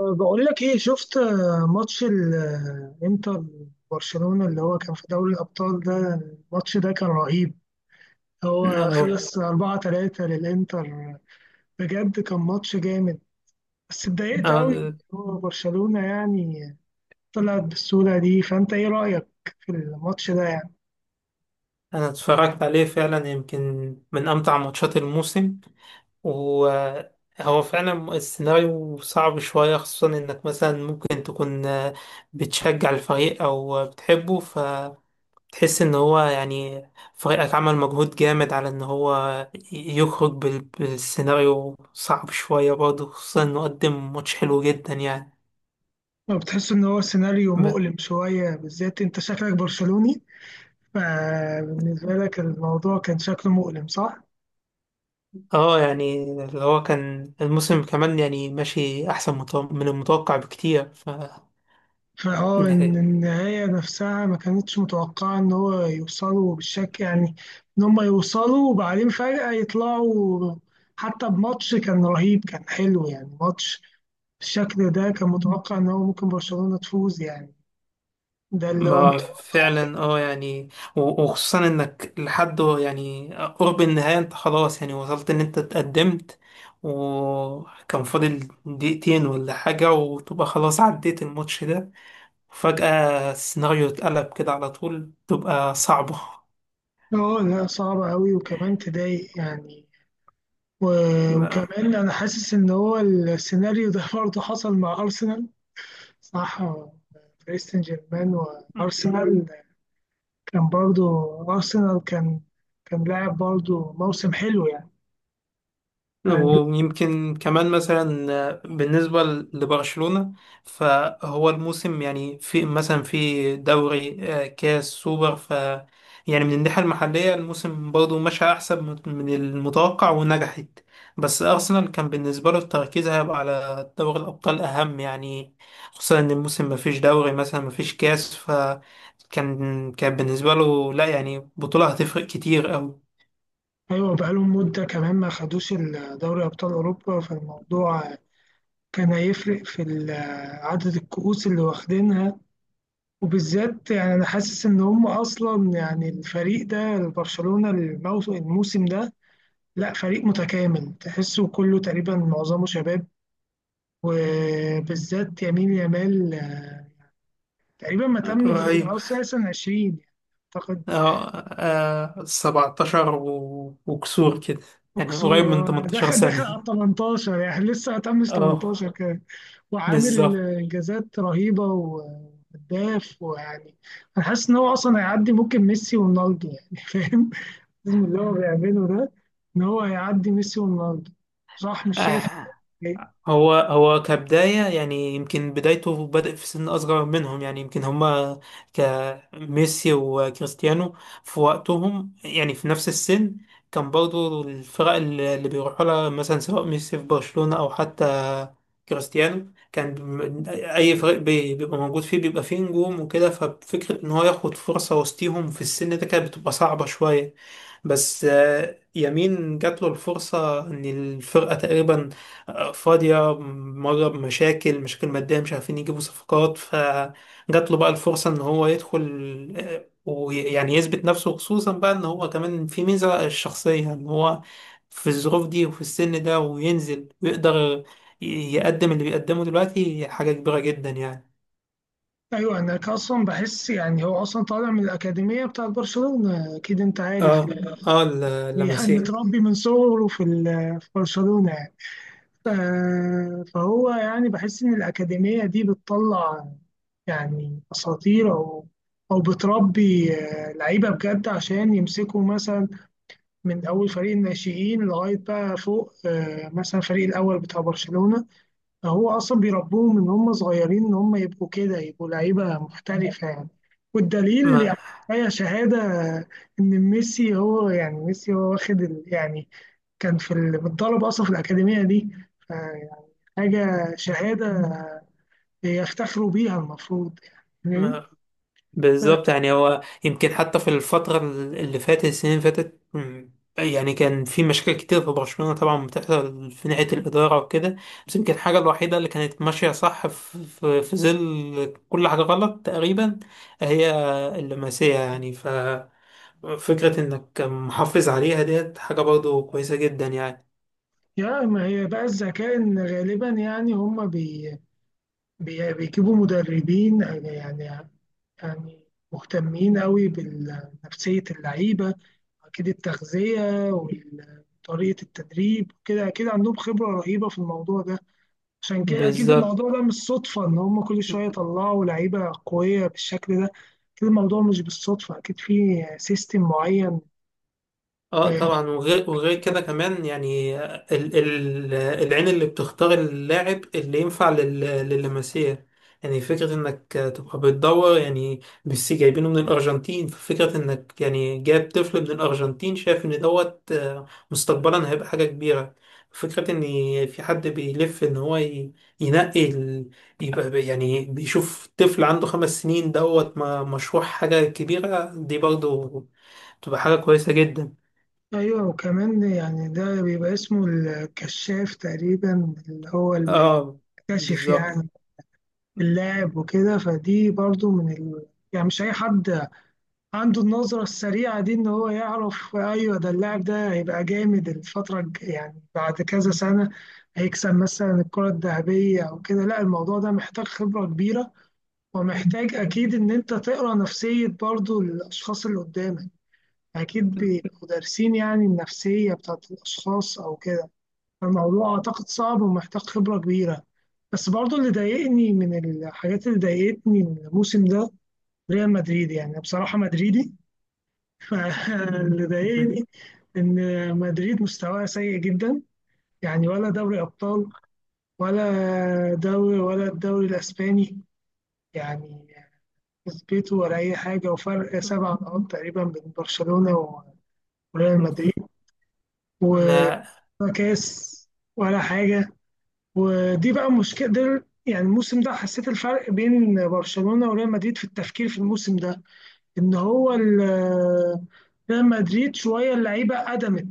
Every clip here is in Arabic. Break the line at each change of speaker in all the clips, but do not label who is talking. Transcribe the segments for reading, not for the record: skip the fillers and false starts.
بقول لك ايه. شفت ماتش الانتر برشلونة اللي هو كان في دوري الابطال ده؟ الماتش ده كان رهيب. هو
أه،
خلص 4 3 للانتر. بجد كان ماتش جامد، بس اتضايقت قوي.
أه،
هو برشلونة يعني طلعت بالصورة دي. فانت ايه رأيك في الماتش ده يعني؟
أنا اتفرجت عليه فعلا يمكن من أمتع ماتشات الموسم. وهو فعلا السيناريو صعب شوية خصوصا إنك مثلا ممكن تكون بتشجع الفريق أو بتحبه فتحس إن هو يعني فريقك عمل مجهود جامد على إن هو يخرج بالسيناريو صعب شوية برضه خصوصا إنه قدم ماتش حلو جدا يعني.
ما بتحس ان هو سيناريو مؤلم شوية؟ بالذات انت شكلك برشلوني، فبالنسبة لك الموضوع كان شكله مؤلم، صح؟
اه يعني اللي هو كان الموسم كمان يعني ماشي احسن من المتوقع بكتير ف
فاه ان
يعني
النهاية نفسها ما كانتش متوقعة ان هو يوصلوا بالشكل يعني. ان هم يوصلوا وبعدين فجأة يطلعوا. حتى بماتش كان رهيب، كان حلو يعني. ماتش بالشكل ده كان متوقع ان هو ممكن برشلونة تفوز يعني. ده اللي هو
ما
متوقع.
فعلا اه يعني وخصوصا انك لحد يعني قرب النهاية انت خلاص يعني وصلت ان انت اتقدمت، وكان فاضل دقيقتين ولا حاجة وتبقى خلاص عديت الماتش ده، وفجأة السيناريو اتقلب كده على طول تبقى صعبة.
اه، لا صعبة أوي، وكمان تضايق يعني. وكمان أنا حاسس إن هو السيناريو ده برضه حصل مع أرسنال، صح؟ باريس سان جيرمان وأرسنال كان برضو. أرسنال كان كان لاعب برضو موسم حلو يعني.
ويمكن كمان مثلا بالنسبة لبرشلونة فهو الموسم يعني في مثلا في دوري كاس سوبر ف يعني من الناحية المحلية الموسم برضه مشى أحسن من المتوقع ونجحت. بس أرسنال كان بالنسبة له التركيز هيبقى على دوري الأبطال أهم يعني، خصوصا إن الموسم مفيش دوري مثلا مفيش كاس فكان بالنسبة له لا يعني بطولة هتفرق كتير
أيوة، بقالهم مدة كمان ما خدوش دوري أبطال أوروبا. فالموضوع كان هيفرق في عدد الكؤوس اللي واخدينها. وبالذات يعني أنا حاسس إن هم أصلا يعني الفريق ده برشلونة الموسم ده لا فريق متكامل، تحسه كله تقريبا معظمه شباب. وبالذات يمين يامال تقريبا ما تمش
أوي.
أو أساسا 20 أعتقد،
اه، 17 وكسور كده، يعني قريب من
وكسور.
18
دخل
سنة.
على 18 يعني لسه هتمش
اه.
18 كده. وعامل
بالظبط.
انجازات رهيبه، وهداف، ويعني انا حاسس ان هو اصلا هيعدي ممكن ميسي ورونالدو يعني فاهم؟ لازم اللي هو بيعمله ده ان هو هيعدي ميسي ورونالدو، صح؟ مش شايف؟
آه.
إيه؟
هو كبداية يعني يمكن بدايته بدأ في سن أصغر منهم، يعني يمكن هما كميسي وكريستيانو في وقتهم يعني في نفس السن كان برضو الفرق اللي بيروحوا لها مثلا، سواء ميسي في برشلونة أو حتى كريستيانو، كان أي فريق بيبقى موجود فيه بيبقى فيه نجوم وكده، ففكرة إن هو ياخد فرصة وسطيهم في السن ده كانت بتبقى صعبة شوية. بس يمين جات له الفرصة إن الفرقة تقريبا فاضية مرة بمشاكل، مشاكل مادية مش عارفين يجيبوا صفقات، فجات له بقى الفرصة إن هو يدخل ويعني يثبت نفسه، خصوصا بقى إن هو كمان في ميزة الشخصية إن هو في الظروف دي وفي السن ده وينزل ويقدر ي- يقدم اللي بيقدمه دلوقتي حاجة كبيرة جدا يعني.
ايوه، انا اصلا بحس يعني هو اصلا طالع من الاكاديميه بتاعت برشلونه، اكيد انت عارف
اه.
يعني.
اه،
يعني
لمسيه.
متربي من صغره في في برشلونه. فهو يعني بحس إن الأكاديمية دي بتطلع يعني أساطير، أو أو بتربي لعيبة بجد، عشان يمسكوا مثلا من أول فريق الناشئين لغاية بقى فوق مثلا الفريق الأول بتاع برشلونة. فهو أصلا بيربوهم من هم صغيرين إن هم يبقوا كده، يبقوا لعيبة محترفة يعني. والدليل
ما
يعني هي شهادة إن ميسي هو يعني. ميسي هو واخد يعني كان في متدرب أصلا في الأكاديمية دي. حاجة شهادة يفتخروا بيها المفروض يعني، فاهم؟
ما بالظبط،
ف-
يعني هو يمكن حتى في الفترة اللي فاتت، السنين اللي فاتت يعني كان في مشاكل كتير في برشلونة طبعا بتحصل في ناحية الإدارة وكده. بس يمكن الحاجة الوحيدة اللي كانت ماشية صح في ظل كل حاجة غلط تقريبا هي اللمسية، يعني ففكرة إنك محافظ عليها ديت حاجة برضو كويسة جدا يعني.
يا ما هي بقى الذكاء. إن غالبا يعني هم بي بيجيبوا مدربين يعني مهتمين قوي بنفسية اللعيبة. أكيد التغذية وطريقة التدريب كده، أكيد عندهم خبرة رهيبة في الموضوع ده. عشان كده أكيد
بالظبط.
الموضوع ده مش صدفة إن هم كل شوية يطلعوا لعيبة قوية بالشكل ده. أكيد الموضوع مش بالصدفة، أكيد في سيستم معين.
اه
آه،
طبعا، وغير كده كمان يعني ال العين اللي بتختار اللاعب اللي ينفع لللمسيه، يعني فكرة انك تبقى بتدور، يعني ميسي جايبينه من الارجنتين، ففكرة انك يعني جايب طفل من الارجنتين شايف ان دوت مستقبلا هيبقى حاجة كبيرة. فكرة ان في حد بيلف ان هو ينقي يبقى يعني بيشوف طفل عنده 5 سنين دوت مشروع حاجة كبيرة، دي برضو تبقى حاجة كويسة جدا.
أيوة، وكمان يعني ده بيبقى اسمه الكشاف تقريبا، اللي هو اللي
اه.
بيكتشف
بالظبط.
يعني اللاعب وكده. فدي برضو من ال... يعني مش أي حد عنده النظرة السريعة دي إن هو يعرف أيوة ده اللاعب ده هيبقى جامد الفترة يعني بعد كذا سنة هيكسب مثلا الكرة الذهبية أو كده. لا الموضوع ده محتاج خبرة كبيرة، ومحتاج أكيد إن أنت تقرأ نفسية برضو الأشخاص اللي قدامك. أكيد بيبقوا دارسين يعني النفسية بتاعت الأشخاص أو كده. الموضوع أعتقد صعب ومحتاج خبرة كبيرة. بس برضه اللي ضايقني من الحاجات اللي ضايقتني من الموسم ده ريال مدريد. يعني أنا بصراحة مدريدي فاللي ضايقني إن مدريد مستواها سيء جدا. يعني ولا دوري أبطال، ولا دوري، ولا الدوري الإسباني يعني كسبته، ولا أي حاجة، وفرق سبع نقاط تقريبا بين برشلونة وريال مدريد، ولا
ما
كاس، ولا حاجة. ودي بقى مشكلة. ده يعني الموسم ده حسيت الفرق بين برشلونة وريال مدريد في التفكير في الموسم ده. ان هو ريال مدريد شوية اللعيبة قدمت.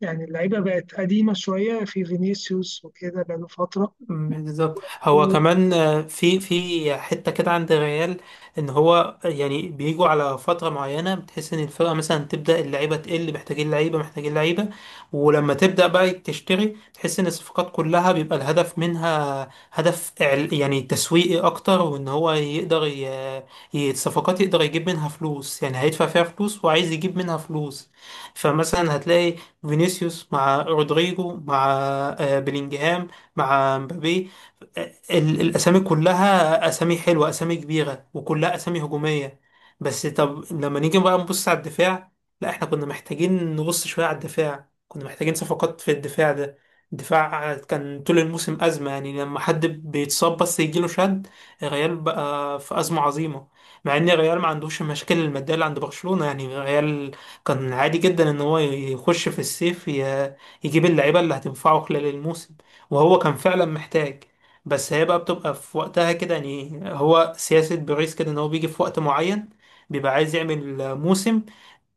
يعني اللعيبة بقت قديمة شوية في فينيسيوس وكده، بقاله فترة.
بالظبط، هو كمان في حته كده عند الريال ان هو يعني بيجوا على فتره معينه بتحس ان الفرقه مثلا تبدا اللعيبه تقل، محتاجين لعيبه محتاجين لعيبه، ولما تبدا بقى تشتري تحس ان الصفقات كلها بيبقى الهدف منها هدف يعني تسويقي اكتر، وان هو يقدر الصفقات يقدر يجيب منها فلوس، يعني هيدفع فيها فلوس وعايز يجيب منها فلوس. فمثلا هتلاقي فينيسيوس مع رودريجو مع بلينجهام مع مبابي، الاسامي كلها اسامي حلوه، اسامي كبيره، وكلها اسامي هجوميه. بس طب لما نيجي بقى نبص على الدفاع، لا، احنا كنا محتاجين نبص شويه على الدفاع، كنا محتاجين صفقات في الدفاع ده. الدفاع كان طول الموسم أزمة، يعني لما حد بيتصاب بس يجيله شد الريال بقى في أزمة عظيمة، مع إن الريال ما عندوش المشاكل المادية اللي عند برشلونة، يعني الريال كان عادي جدا إن هو يخش في الصيف يجيب اللعيبة اللي هتنفعه خلال الموسم، وهو كان فعلا محتاج. بس هي بقى بتبقى في وقتها كده، يعني هو سياسة بيريز كده ان هو بيجي في وقت معين بيبقى عايز يعمل موسم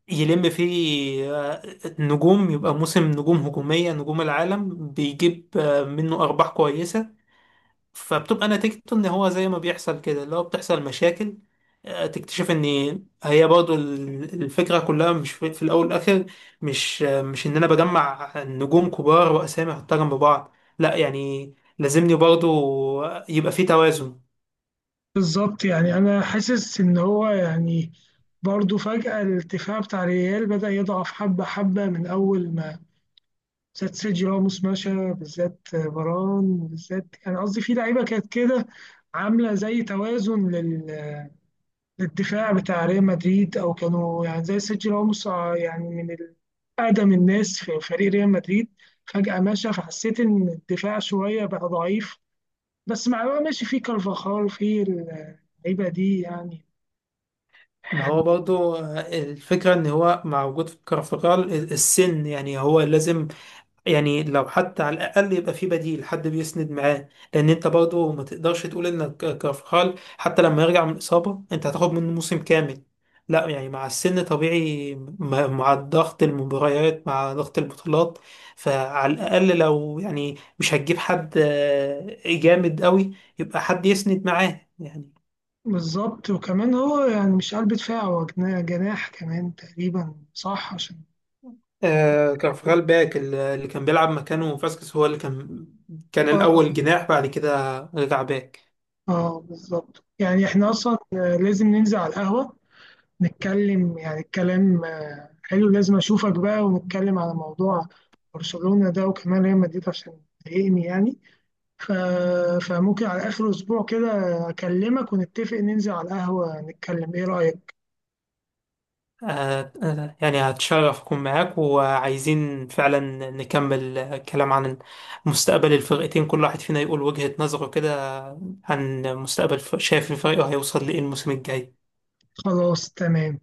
يلم فيه نجوم، يبقى موسم نجوم هجومية، نجوم العالم بيجيب منه أرباح كويسة. فبتبقى نتيجته ان هو زي ما بيحصل كده اللي هو بتحصل مشاكل، تكتشف ان هي برضو الفكرة كلها مش في الاول والاخر، مش مش ان انا بجمع نجوم كبار واسامي احطها جنب بعض، لا يعني لازمني برضو يبقى في توازن.
بالظبط، يعني انا حاسس ان هو يعني برضه فجأة الدفاع بتاع ريال بدأ يضعف حبة حبة من أول ما بالذات سيرجي راموس مشى، بالذات فاران، بالذات يعني قصدي في لعيبه كانت كده عامله زي توازن للدفاع بتاع ريال مدريد، او كانوا يعني زي سيرجي راموس يعني من اقدم الناس في فريق ريال مدريد. فجاه مشى، فحسيت ان الدفاع شويه بقى ضعيف. بس مع بقى ماشي في كارفاخال في اللعيبه دي يعني.
ما
يعني
هو برضو الفكرة ان هو مع وجود كارفاخال السن يعني هو لازم، يعني لو حتى على الأقل يبقى في بديل حد بيسند معاه، لأن أنت برضه ما تقدرش تقول إنك كارفخال حتى لما يرجع من الإصابة أنت هتاخد منه موسم كامل، لا يعني مع السن طبيعي مع ضغط المباريات مع ضغط البطولات، فعلى الأقل لو يعني مش هتجيب حد جامد قوي يبقى حد يسند معاه يعني.
بالظبط، وكمان هو يعني مش قلب دفاع، هو جناح كمان تقريبا، صح؟ عشان
كارفخال باك اللي كان بيلعب مكانه فاسكس هو اللي كان
آه،
الأول جناح بعد كده رجع باك.
اه بالظبط. يعني احنا اصلا لازم ننزل على القهوة نتكلم يعني. الكلام حلو، لازم اشوفك بقى ونتكلم على موضوع برشلونة ده وكمان ريال مدريد، عشان تضايقني يعني. ف... فممكن على اخر اسبوع كده اكلمك ونتفق ننزل على القهوة نتكلم، ايه رأيك؟
آه، آه، يعني هتشرف أكون معاك، وعايزين فعلا نكمل كلام عن مستقبل الفرقتين، كل واحد فينا يقول وجهة نظره كده عن مستقبل، شايف الفريق هيوصل لإيه الموسم الجاي.
خلاص تمام.